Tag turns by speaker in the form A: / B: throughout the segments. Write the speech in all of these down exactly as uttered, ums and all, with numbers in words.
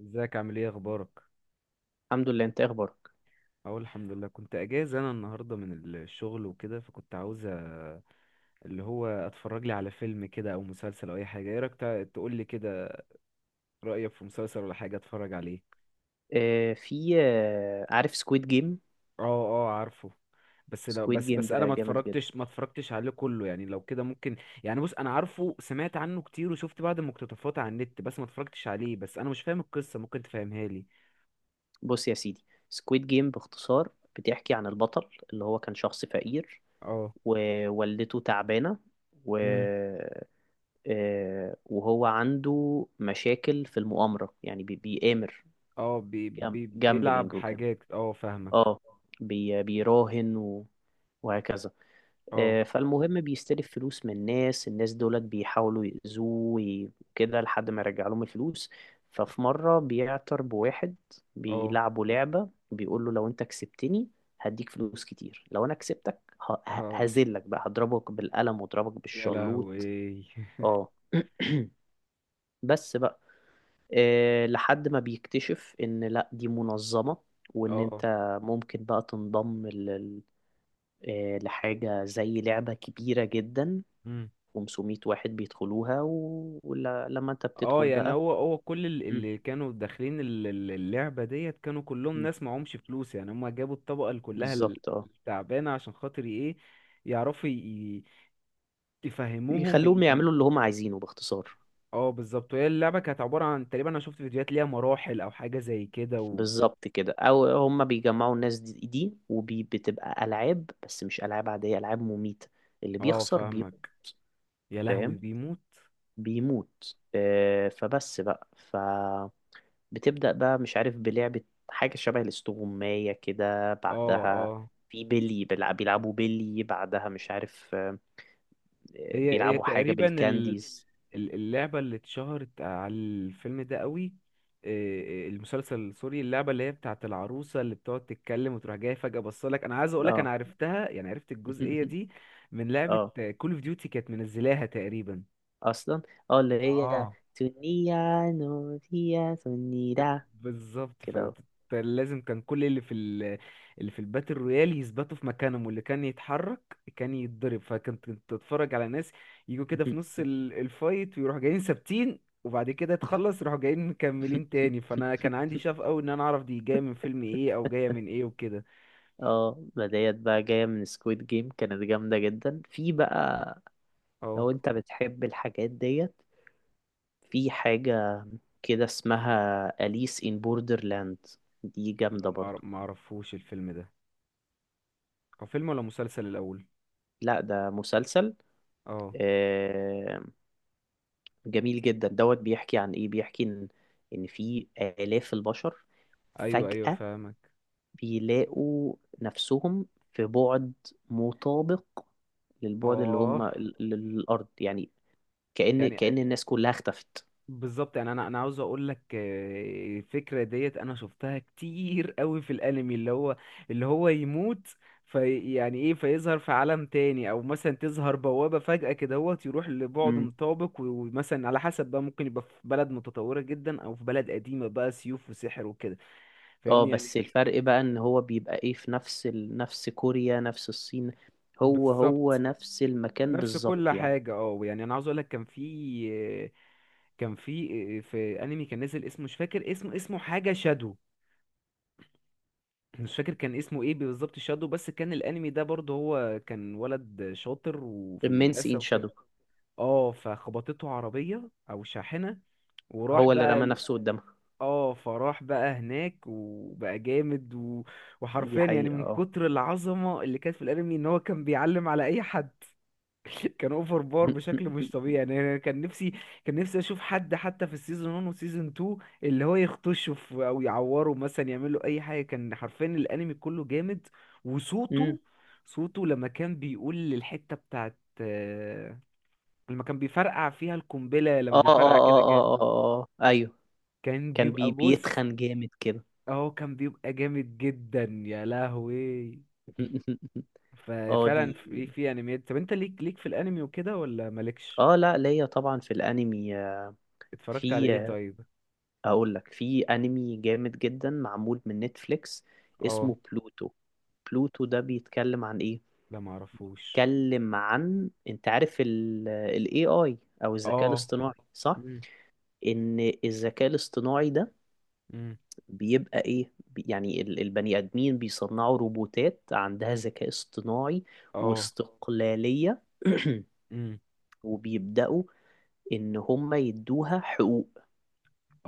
A: ازيك عامل ايه اخبارك؟
B: الحمد لله. انت ايه اخبارك؟
A: اهو الحمد لله. كنت اجازه انا النهارده من الشغل وكده، فكنت عاوز أ- اللي هو اتفرج لي على فيلم كده او مسلسل او اي حاجه. ايه رايك؟ تقول لي كده، رايك في مسلسل ولا حاجه اتفرج عليه؟
B: آه، في، آه عارف سكويد جيم؟
A: اه، اه، عارفه. بس، لو
B: سكويد
A: بس
B: جيم
A: بس انا
B: ده
A: ما
B: جامد جدا.
A: اتفرجتش ما اتفرجتش عليه كله يعني، لو كده ممكن. يعني بص، انا عارفه، سمعت عنه كتير وشفت بعض المقتطفات على النت، بس ما اتفرجتش عليه، بس انا مش فاهم القصه، ممكن تفهمها لي؟
B: بص يا سيدي، سكويد جيم باختصار بتحكي عن البطل اللي هو كان شخص فقير،
A: اه.
B: ووالدته تعبانة، و...
A: امم
B: آه وهو عنده مشاكل في المؤامرة، يعني بي- بيآمر.
A: اه، بي بي بيلعب
B: جامبلينج وكده.
A: حاجات. اه، فاهمك.
B: اه. بي بيراهن و... وهكذا.
A: اه،
B: آه، فالمهم بيستلف فلوس من الناس، الناس دولت بيحاولوا يأذوه. وي- وكده لحد ما يرجع لهم الفلوس. ففي مرة بيعتر بواحد،
A: اه،
B: بيلعبوا لعبة، بيقول له: لو انت كسبتني هديك فلوس كتير، لو انا كسبتك ه- ه-
A: اه،
B: هذلك بقى هضربك بالقلم واضربك
A: يا
B: بالشلوط.
A: لهوي.
B: اه. بس بقى. آه، لحد ما بيكتشف ان لا، دي منظمة، وان انت
A: اه.
B: ممكن بقى تنضم لل- آه، لحاجة زي لعبة كبيرة جدا،
A: مم.
B: خمسمية واحد بيدخلوها، و- ولما انت
A: اه،
B: بتدخل
A: يعني
B: بقى.
A: هو هو كل ال-
B: مم.
A: اللي كانوا داخلين ال- ال- اللعبة ديت كانوا كلهم
B: مم.
A: ناس معهمش فلوس، يعني هما جابوا الطبقة اللي كلها ال-
B: بالظبط، اه.
A: التعبانة، عشان خاطر ايه؟ يعرفوا ي- ي- يفهموهم
B: يخلوهم
A: ال...
B: يعملوا اللي هم عايزينه باختصار.
A: اه، بالظبط. وهي اللعبة كانت عبارة عن تقريبا، انا شفت فيديوهات ليها مراحل او حاجة زي كده و...
B: بالظبط كده. او هم بيجمعوا الناس دي, دي، وبتبقى العاب، بس مش العاب عاديه، العاب مميته. اللي
A: اه،
B: بيخسر بيموت.
A: فاهمك. يا لهوي،
B: فاهم.
A: بيموت.
B: بيموت، آه فبس بقى فبتبدا بقى مش عارف بلعبه، حاجه شبه الاستغمايه كده
A: اه،
B: بعدها.
A: اه،
B: في بيلي، بيلع- بيلعبوا بيلي بعدها. مش عارف آه،
A: هي هي
B: بيلعبوا حاجه
A: تقريبا ال-
B: بالكانديز.
A: اللعبة اللي اتشهرت على الفيلم ده قوي. إيه، المسلسل، سوري، اللعبة اللي هي بتاعة العروسة اللي بتقعد تتكلم وتروح جاية فجأة. بصلك، أنا عايز أقولك، أنا
B: اه.
A: عرفتها، يعني عرفت الجزئية دي من لعبة
B: اه،
A: كول اوف ديوتي، كانت منزلاها تقريبا.
B: اصلا. اه، اللي هي
A: اه،
B: تونيا نوريا تونيرا
A: بالظبط.
B: كده اهو.
A: فلازم كان كل اللي في ال... اللي في الباتل رويال يثبتوا في مكانهم، واللي كان يتحرك كان يتضرب. فكنت كنت تتفرج على ناس يجوا كده في نص ال... الفايت ويروحوا جايين ثابتين، وبعد كده تخلص يروحوا جايين مكملين تاني. فانا كان عندي شغف قوي ان انا اعرف دي جايه من فيلم ايه او جايه من ايه وكده.
B: اه، ما ديت بقى جاية من سكويد جيم، كانت جامدة جدا في بقى.
A: اه.
B: لو انت بتحب الحاجات ديت، في حاجة كده اسمها أليس إن بوردرلاند، دي
A: لا،
B: جامدة
A: ما
B: برضو.
A: أعرف- ما اعرفوش الفيلم ده. هو فيلم ولا مسلسل الاول؟
B: لا، ده مسلسل.
A: اه.
B: آه، جميل جدا. دوت بيحكي عن ايه؟ بيحكي ان ان في آلاف البشر
A: ايوه، ايوه،
B: فجأة
A: فاهمك.
B: بيلاقوا نفسهم في بعد مطابق للبعد اللي
A: اه،
B: هم، للأرض يعني، كأن
A: يعني
B: كأن الناس كلها اختفت.
A: بالظبط. يعني انا انا عاوز اقول لك، آه، الفكره ديت انا شفتها كتير قوي في الانمي، اللي هو اللي هو يموت في، يعني ايه، فيظهر في عالم تاني، او مثلا تظهر بوابه فجاه كده، هو يروح لبعد
B: امم.
A: مطابق و- ومثلا على حسب بقى، ممكن يبقى في بلد متطوره جدا، او في بلد قديمه بقى سيوف وسحر وكده.
B: اه،
A: فاهمني يعني.
B: بس الفرق بقى ان هو بيبقى ايه؟ في نفس ال... نفس كوريا، نفس الصين، هو هو
A: بالظبط،
B: نفس المكان
A: نفس كل
B: بالظبط يعني.
A: حاجه. اه، يعني انا عاوز اقول لك، كان في آه، كان في آه، في انمي كان نزل، اسمه مش فاكر، اسمه اسمه حاجه شادو، مش فاكر كان اسمه ايه بالظبط، شادو. بس كان الانمي ده برضه هو كان ولد شاطر وفي
B: Immense
A: المدرسه
B: in
A: وكده.
B: Shadow.
A: اه، فخبطته عربيه او شاحنه، وراح
B: هو اللي
A: بقى
B: رمى
A: ال-
B: نفسه قدامها.
A: اه، فراح بقى هناك وبقى جامد و...
B: دي
A: وحرفيا يعني
B: حقيقة،
A: من
B: اه.
A: كتر العظمه اللي كانت في الانمي ان هو كان بيعلم على اي حد. كان اوفر بار بشكل مش طبيعي، يعني أنا كان نفسي كان نفسي اشوف حد حتى في السيزون واحد وسيزون اتنين اللي هو يخطشه في، او يعوره مثلا، يعمل له اي حاجه. كان حرفيا الانمي كله جامد.
B: أمم.
A: وصوته صوته لما كان بيقول الحته بتاعت، آه، لما كان بيفرقع فيها القنبله، لما
B: اه، اه،
A: بيفرقع كده
B: اه،
A: جامد.
B: اه، اه، اه، ايوه.
A: كان
B: كان
A: بيبقى،
B: بي
A: بص،
B: بيتخن جامد كده.
A: اهو كان بيبقى جامد جدا، يا لهوي.
B: اه، دي.
A: ففعلا في في انميات. طب انت ليك ليك في الانمي وكده ولا مالكش؟
B: اه، لا، ليا طبعا في الانمي. آه،
A: اتفرجت على
B: في.
A: ايه
B: آه،
A: طيب؟
B: اقول لك في انمي جامد جدا معمول من نتفليكس.
A: اه.
B: اسمه بلوتو. بلوتو ده بيتكلم عن ايه؟
A: لا، معرفوش.
B: بيتكلم عن، انت عارف ال إيه آي، او الذكاء
A: اه.
B: الاصطناعي صح؟
A: مم.
B: ان الذكاء الاصطناعي ده
A: مم.
B: بيبقى ايه، بي- يعني ال- البني ادمين بيصنعوا روبوتات عندها ذكاء اصطناعي
A: اه.
B: واستقلالية.
A: مم.
B: وبيبدأوا ان هم يدوها حقوق،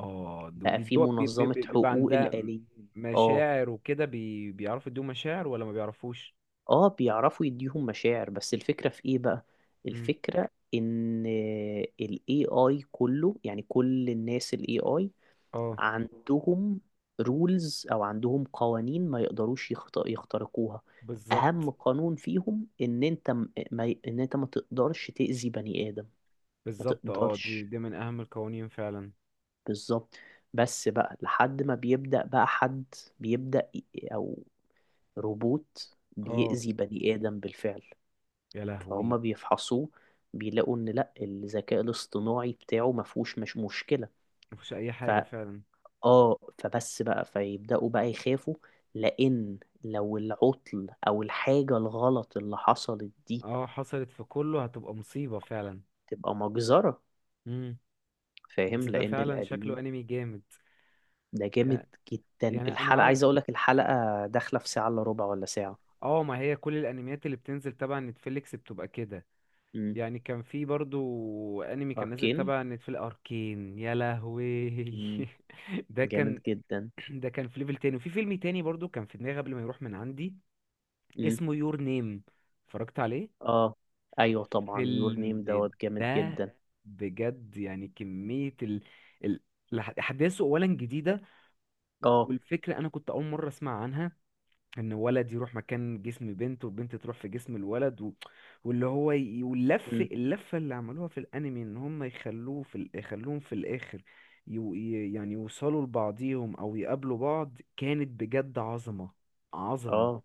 A: اه، د-
B: بقى في
A: وبيدوها، بي- بي-
B: منظمة
A: بي- بيبقى
B: حقوق
A: عندها م-
B: الآليين. اه،
A: مشاعر وكده، بي... بيعرفوا يدوا مشاعر ولا ما بيعرفوش.
B: اه، بيعرفوا يديهم مشاعر، بس الفكرة في ايه بقى؟
A: مم.
B: الفكرة ان ال إيه آي كله، يعني كل الناس ال A I
A: اه،
B: عندهم رولز او عندهم قوانين، ما يقدروش يخت- يخترقوها.
A: بالظبط.
B: اهم قانون فيهم ان انت م- ما ي- ان انت ما تقدرش تأذي بني آدم. ما
A: بالظبط. اه، دي
B: تقدرش.
A: دي من اهم القوانين فعلا.
B: بالظبط. بس بقى لحد ما بيبدأ بقى حد، بيبدأ ي- او روبوت
A: اه،
B: بيأذي بني آدم بالفعل.
A: يا
B: فهم
A: لهوي.
B: بيفحصوه، بيلاقوا إن لأ، الذكاء الاصطناعي بتاعه مفهوش، مش مشكلة.
A: مفيش اي حاجة
B: فا
A: فعلا.
B: آه فبس بقى فيبدأوا بقى يخافوا، لأن لو العطل أو الحاجة الغلط اللي حصلت دي
A: اه، حصلت في كله هتبقى مصيبة فعلا.
B: تبقى مجزرة.
A: مم. بس
B: فاهم.
A: ده
B: لأن
A: فعلا شكله
B: الآليين
A: انمي جامد.
B: ده جامد
A: يعني
B: جدا.
A: يعني انا
B: الحلقة،
A: عاو-
B: عايز أقولك، الحلقة داخلة في ساعة إلا ربع ولا ساعة.
A: اه، ما هي كل الانميات اللي بتنزل تبع نتفليكس بتبقى كده.
B: أمم.
A: يعني كان في برضو انمي كان نازل
B: أركين.
A: تبع نتفليكس، اركين، يا لهوي.
B: أمم.
A: ده
B: جامد
A: كان
B: جدا.
A: ده كان في ليفل تاني. وفي فيلم تاني برضو كان في دماغي قبل ما يروح من عندي،
B: امم.
A: اسمه يور نيم، اتفرجت عليه.
B: اه، ايوه، طبعا يور نيم
A: الفيلم
B: دوت جامد
A: ده
B: جدا.
A: بجد، يعني كمية ال... ال... الأح- احداثه اولا جديدة،
B: اه.
A: والفكرة انا كنت اول مرة اسمع عنها، ان ولد يروح مكان جسم بنت وبنت تروح في جسم الولد و... واللي هو ي... واللف
B: امم.
A: اللفه اللي عملوها في الانمي ان هم يخلوه في ال... يخلوهم في الاخر ي... ي- يعني يوصلوا لبعضيهم او يقابلوا بعض. كانت بجد عظمه، عظمه،
B: اه،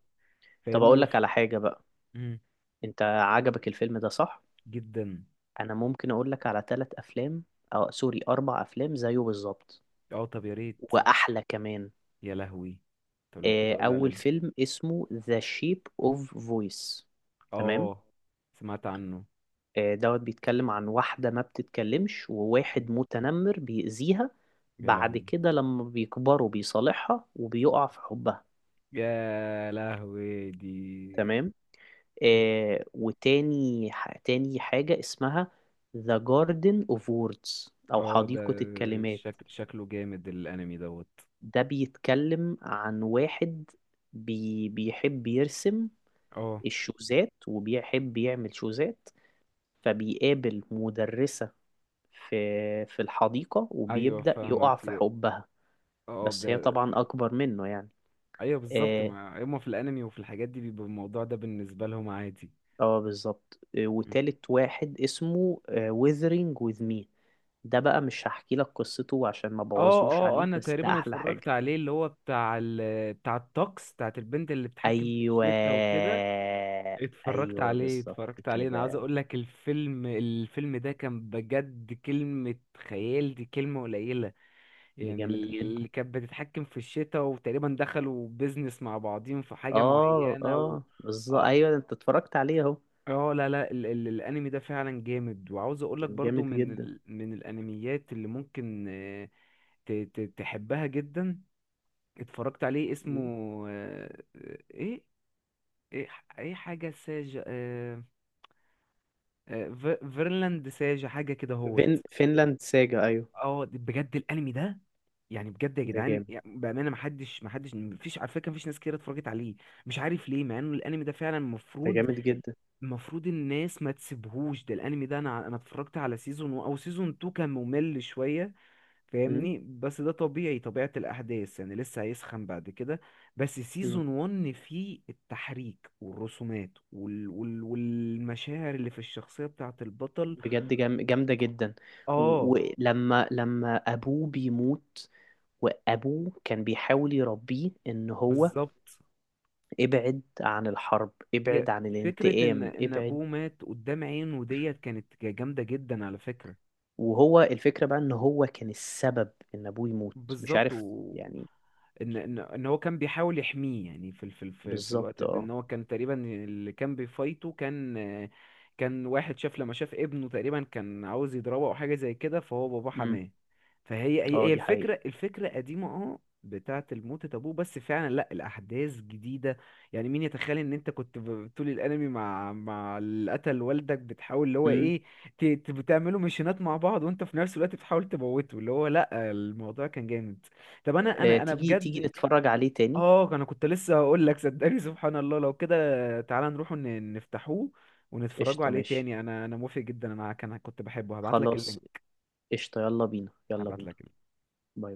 B: طب
A: فاهمني.
B: اقول
A: وف...
B: لك على حاجه بقى.
A: مم.
B: انت عجبك الفيلم ده، صح؟
A: جدا.
B: انا ممكن اقول لك على ثلاث افلام، او سوري، اربع افلام زيه بالظبط،
A: اه، طب يا ريت.
B: واحلى كمان.
A: يا لهوي. طب لو
B: آه،
A: كده، قول
B: اول
A: عليه.
B: فيلم اسمه ذا شيب اوف فويس. تمام.
A: اه، سمعت عنه.
B: آه، دوت بيتكلم عن واحده ما بتتكلمش،
A: مم.
B: وواحد متنمر بيأذيها.
A: يا
B: بعد
A: لهوي،
B: كده لما بيكبروا بيصالحها وبيقع في حبها.
A: يا لهوي دي.
B: تمام. آه وتاني ح- تاني حاجة اسمها The Garden of Words، أو
A: اه، ده
B: حديقة الكلمات.
A: شك... شكله جامد الانمي دوت.
B: ده بيتكلم عن واحد بي بيحب يرسم
A: اه،
B: الشوزات، وبيحب يعمل شوزات. فبيقابل مدرسة في في الحديقة،
A: ايوه،
B: وبيبدأ يقع في
A: فاهمك.
B: حبها.
A: اه،
B: بس هي
A: ده.
B: طبعا أكبر منه يعني.
A: ايوه، بالظبط،
B: اه.
A: ما هما في الانمي وفي الحاجات دي بيبقى الموضوع ده بالنسبه لهم عادي.
B: آه، بالظبط. آه،
A: م.
B: وتالت واحد اسمه آه، Withering with Me. ده بقى مش هحكي لك قصته عشان ما
A: اه،
B: بوظوش
A: اه، انا
B: عليك، بس ده
A: تقريبا
B: احلى
A: اتفرجت
B: حاجة.
A: عليه، اللي هو بتاع ال... بتاع الطقس بتاعت البنت اللي بتتحكم في
B: ايوه،
A: الشتا وكده. اتفرجت
B: ايوه،
A: عليه
B: بالظبط
A: اتفرجت عليه انا عايز
B: كده.
A: اقول لك، الفيلم الفيلم ده كان بجد كلمه خيال دي كلمه قليله،
B: ده
A: يعني
B: جامد جدا.
A: اللي كانت بتتحكم في الشتاء، وتقريبا دخلوا بيزنس مع بعضين في حاجة
B: اه،
A: معينة و...
B: اه، بالظبط.
A: اه.
B: ايوه انت اتفرجت عليه اهو.
A: آه، لا، لا، ال ال الانمي ده فعلا جامد. وعاوز اقولك
B: كان
A: برضو
B: جامد
A: من
B: جدا.
A: ال من الانميات اللي ممكن، آه، ت ت تحبها جدا. اتفرجت عليه، اسمه
B: مم.
A: آه، آه، ايه ايه ح- ايه حاجة ساجة، آه، آه، في- فيرلاند ساجة، حاجة كده،
B: فين
A: هوت.
B: فينلاند ساجا. ايوه.
A: اه، بجد الانمي ده، يعني بجد يا
B: ده
A: جدعان،
B: جامد.
A: يعني بامانه ما حدش ما حدش، ما فيش على فكره، ما فيش ناس كتير اتفرجت عليه. مش عارف ليه، مع انه الانمي ده فعلا
B: ده
A: المفروض
B: جامد جدا.
A: المفروض الناس ما تسيبهوش. ده الانمي ده انا انا اتفرجت على سيزون و- او سيزون اثنين، كان ممل شويه،
B: مم.
A: فاهمني، بس ده طبيعي، طبيعه الاحداث، يعني لسه هيسخن بعد كده. بس
B: مم.
A: سيزون واحد فيه التحريك والرسومات وال... وال... والمشاعر اللي في الشخصيه بتاعه البطل.
B: بجد جام... جامدة جدا. و-
A: اه،
B: ولما لما ابوه بيموت، وابوه كان بيحاول يربيه، ان هو،
A: بالظبط.
B: ابعد عن الحرب،
A: هي
B: ابعد عن
A: فكرة ان
B: الانتقام،
A: ان
B: ابعد.
A: ابوه مات قدام عينه ديت كانت جامدة جدا على فكرة.
B: وهو الفكرة بقى، ان هو كان السبب ان ابوه يموت، مش
A: بالظبط
B: عارف
A: و...
B: يعني.
A: ان ان ان هو كان بيحاول يحميه يعني في ال- في ال- في, في الوقت
B: بالظبط،
A: ده، ان
B: اه.
A: هو كان تقريبا اللي كان بيفايته كان كان واحد شاف، لما شاف ابنه تقريبا كان عاوز يضربه او حاجه زي كده، فهو باباه
B: امم.
A: حماه. فهي هي
B: اه،
A: هي
B: دي حقيقة.
A: الفكره الفكره قديمه، اه، بتاعه الموتة ابوه، بس فعلا لا الاحداث جديده. يعني مين يتخيل ان انت كنت ب- طول الانمي مع مع اللي قتل والدك بتحاول اللي هو
B: امم.
A: ايه، ت- ت- بتعملوا ميشنات مع بعض وانت في نفس الوقت بتحاول تموته، اللي هو لا. الموضوع كان جامد. طب انا
B: آه
A: انا انا
B: تيجي تيجي
A: بجد.
B: نتفرج عليه تاني.
A: اه، انا كنت لسه هقول لك صدقني، سبحان الله. لو كده، تعالى نروح ن- نفتحوه ونتفرجوا
B: قشطة،
A: عليه
B: ماشي.
A: تاني. انا انا موافق جدا، انا كان كنت بحبه، هبعت لك
B: خلاص.
A: اللينك.
B: قشطة، يلا بينا، يلا
A: هبعت
B: بينا.
A: لك.
B: باي.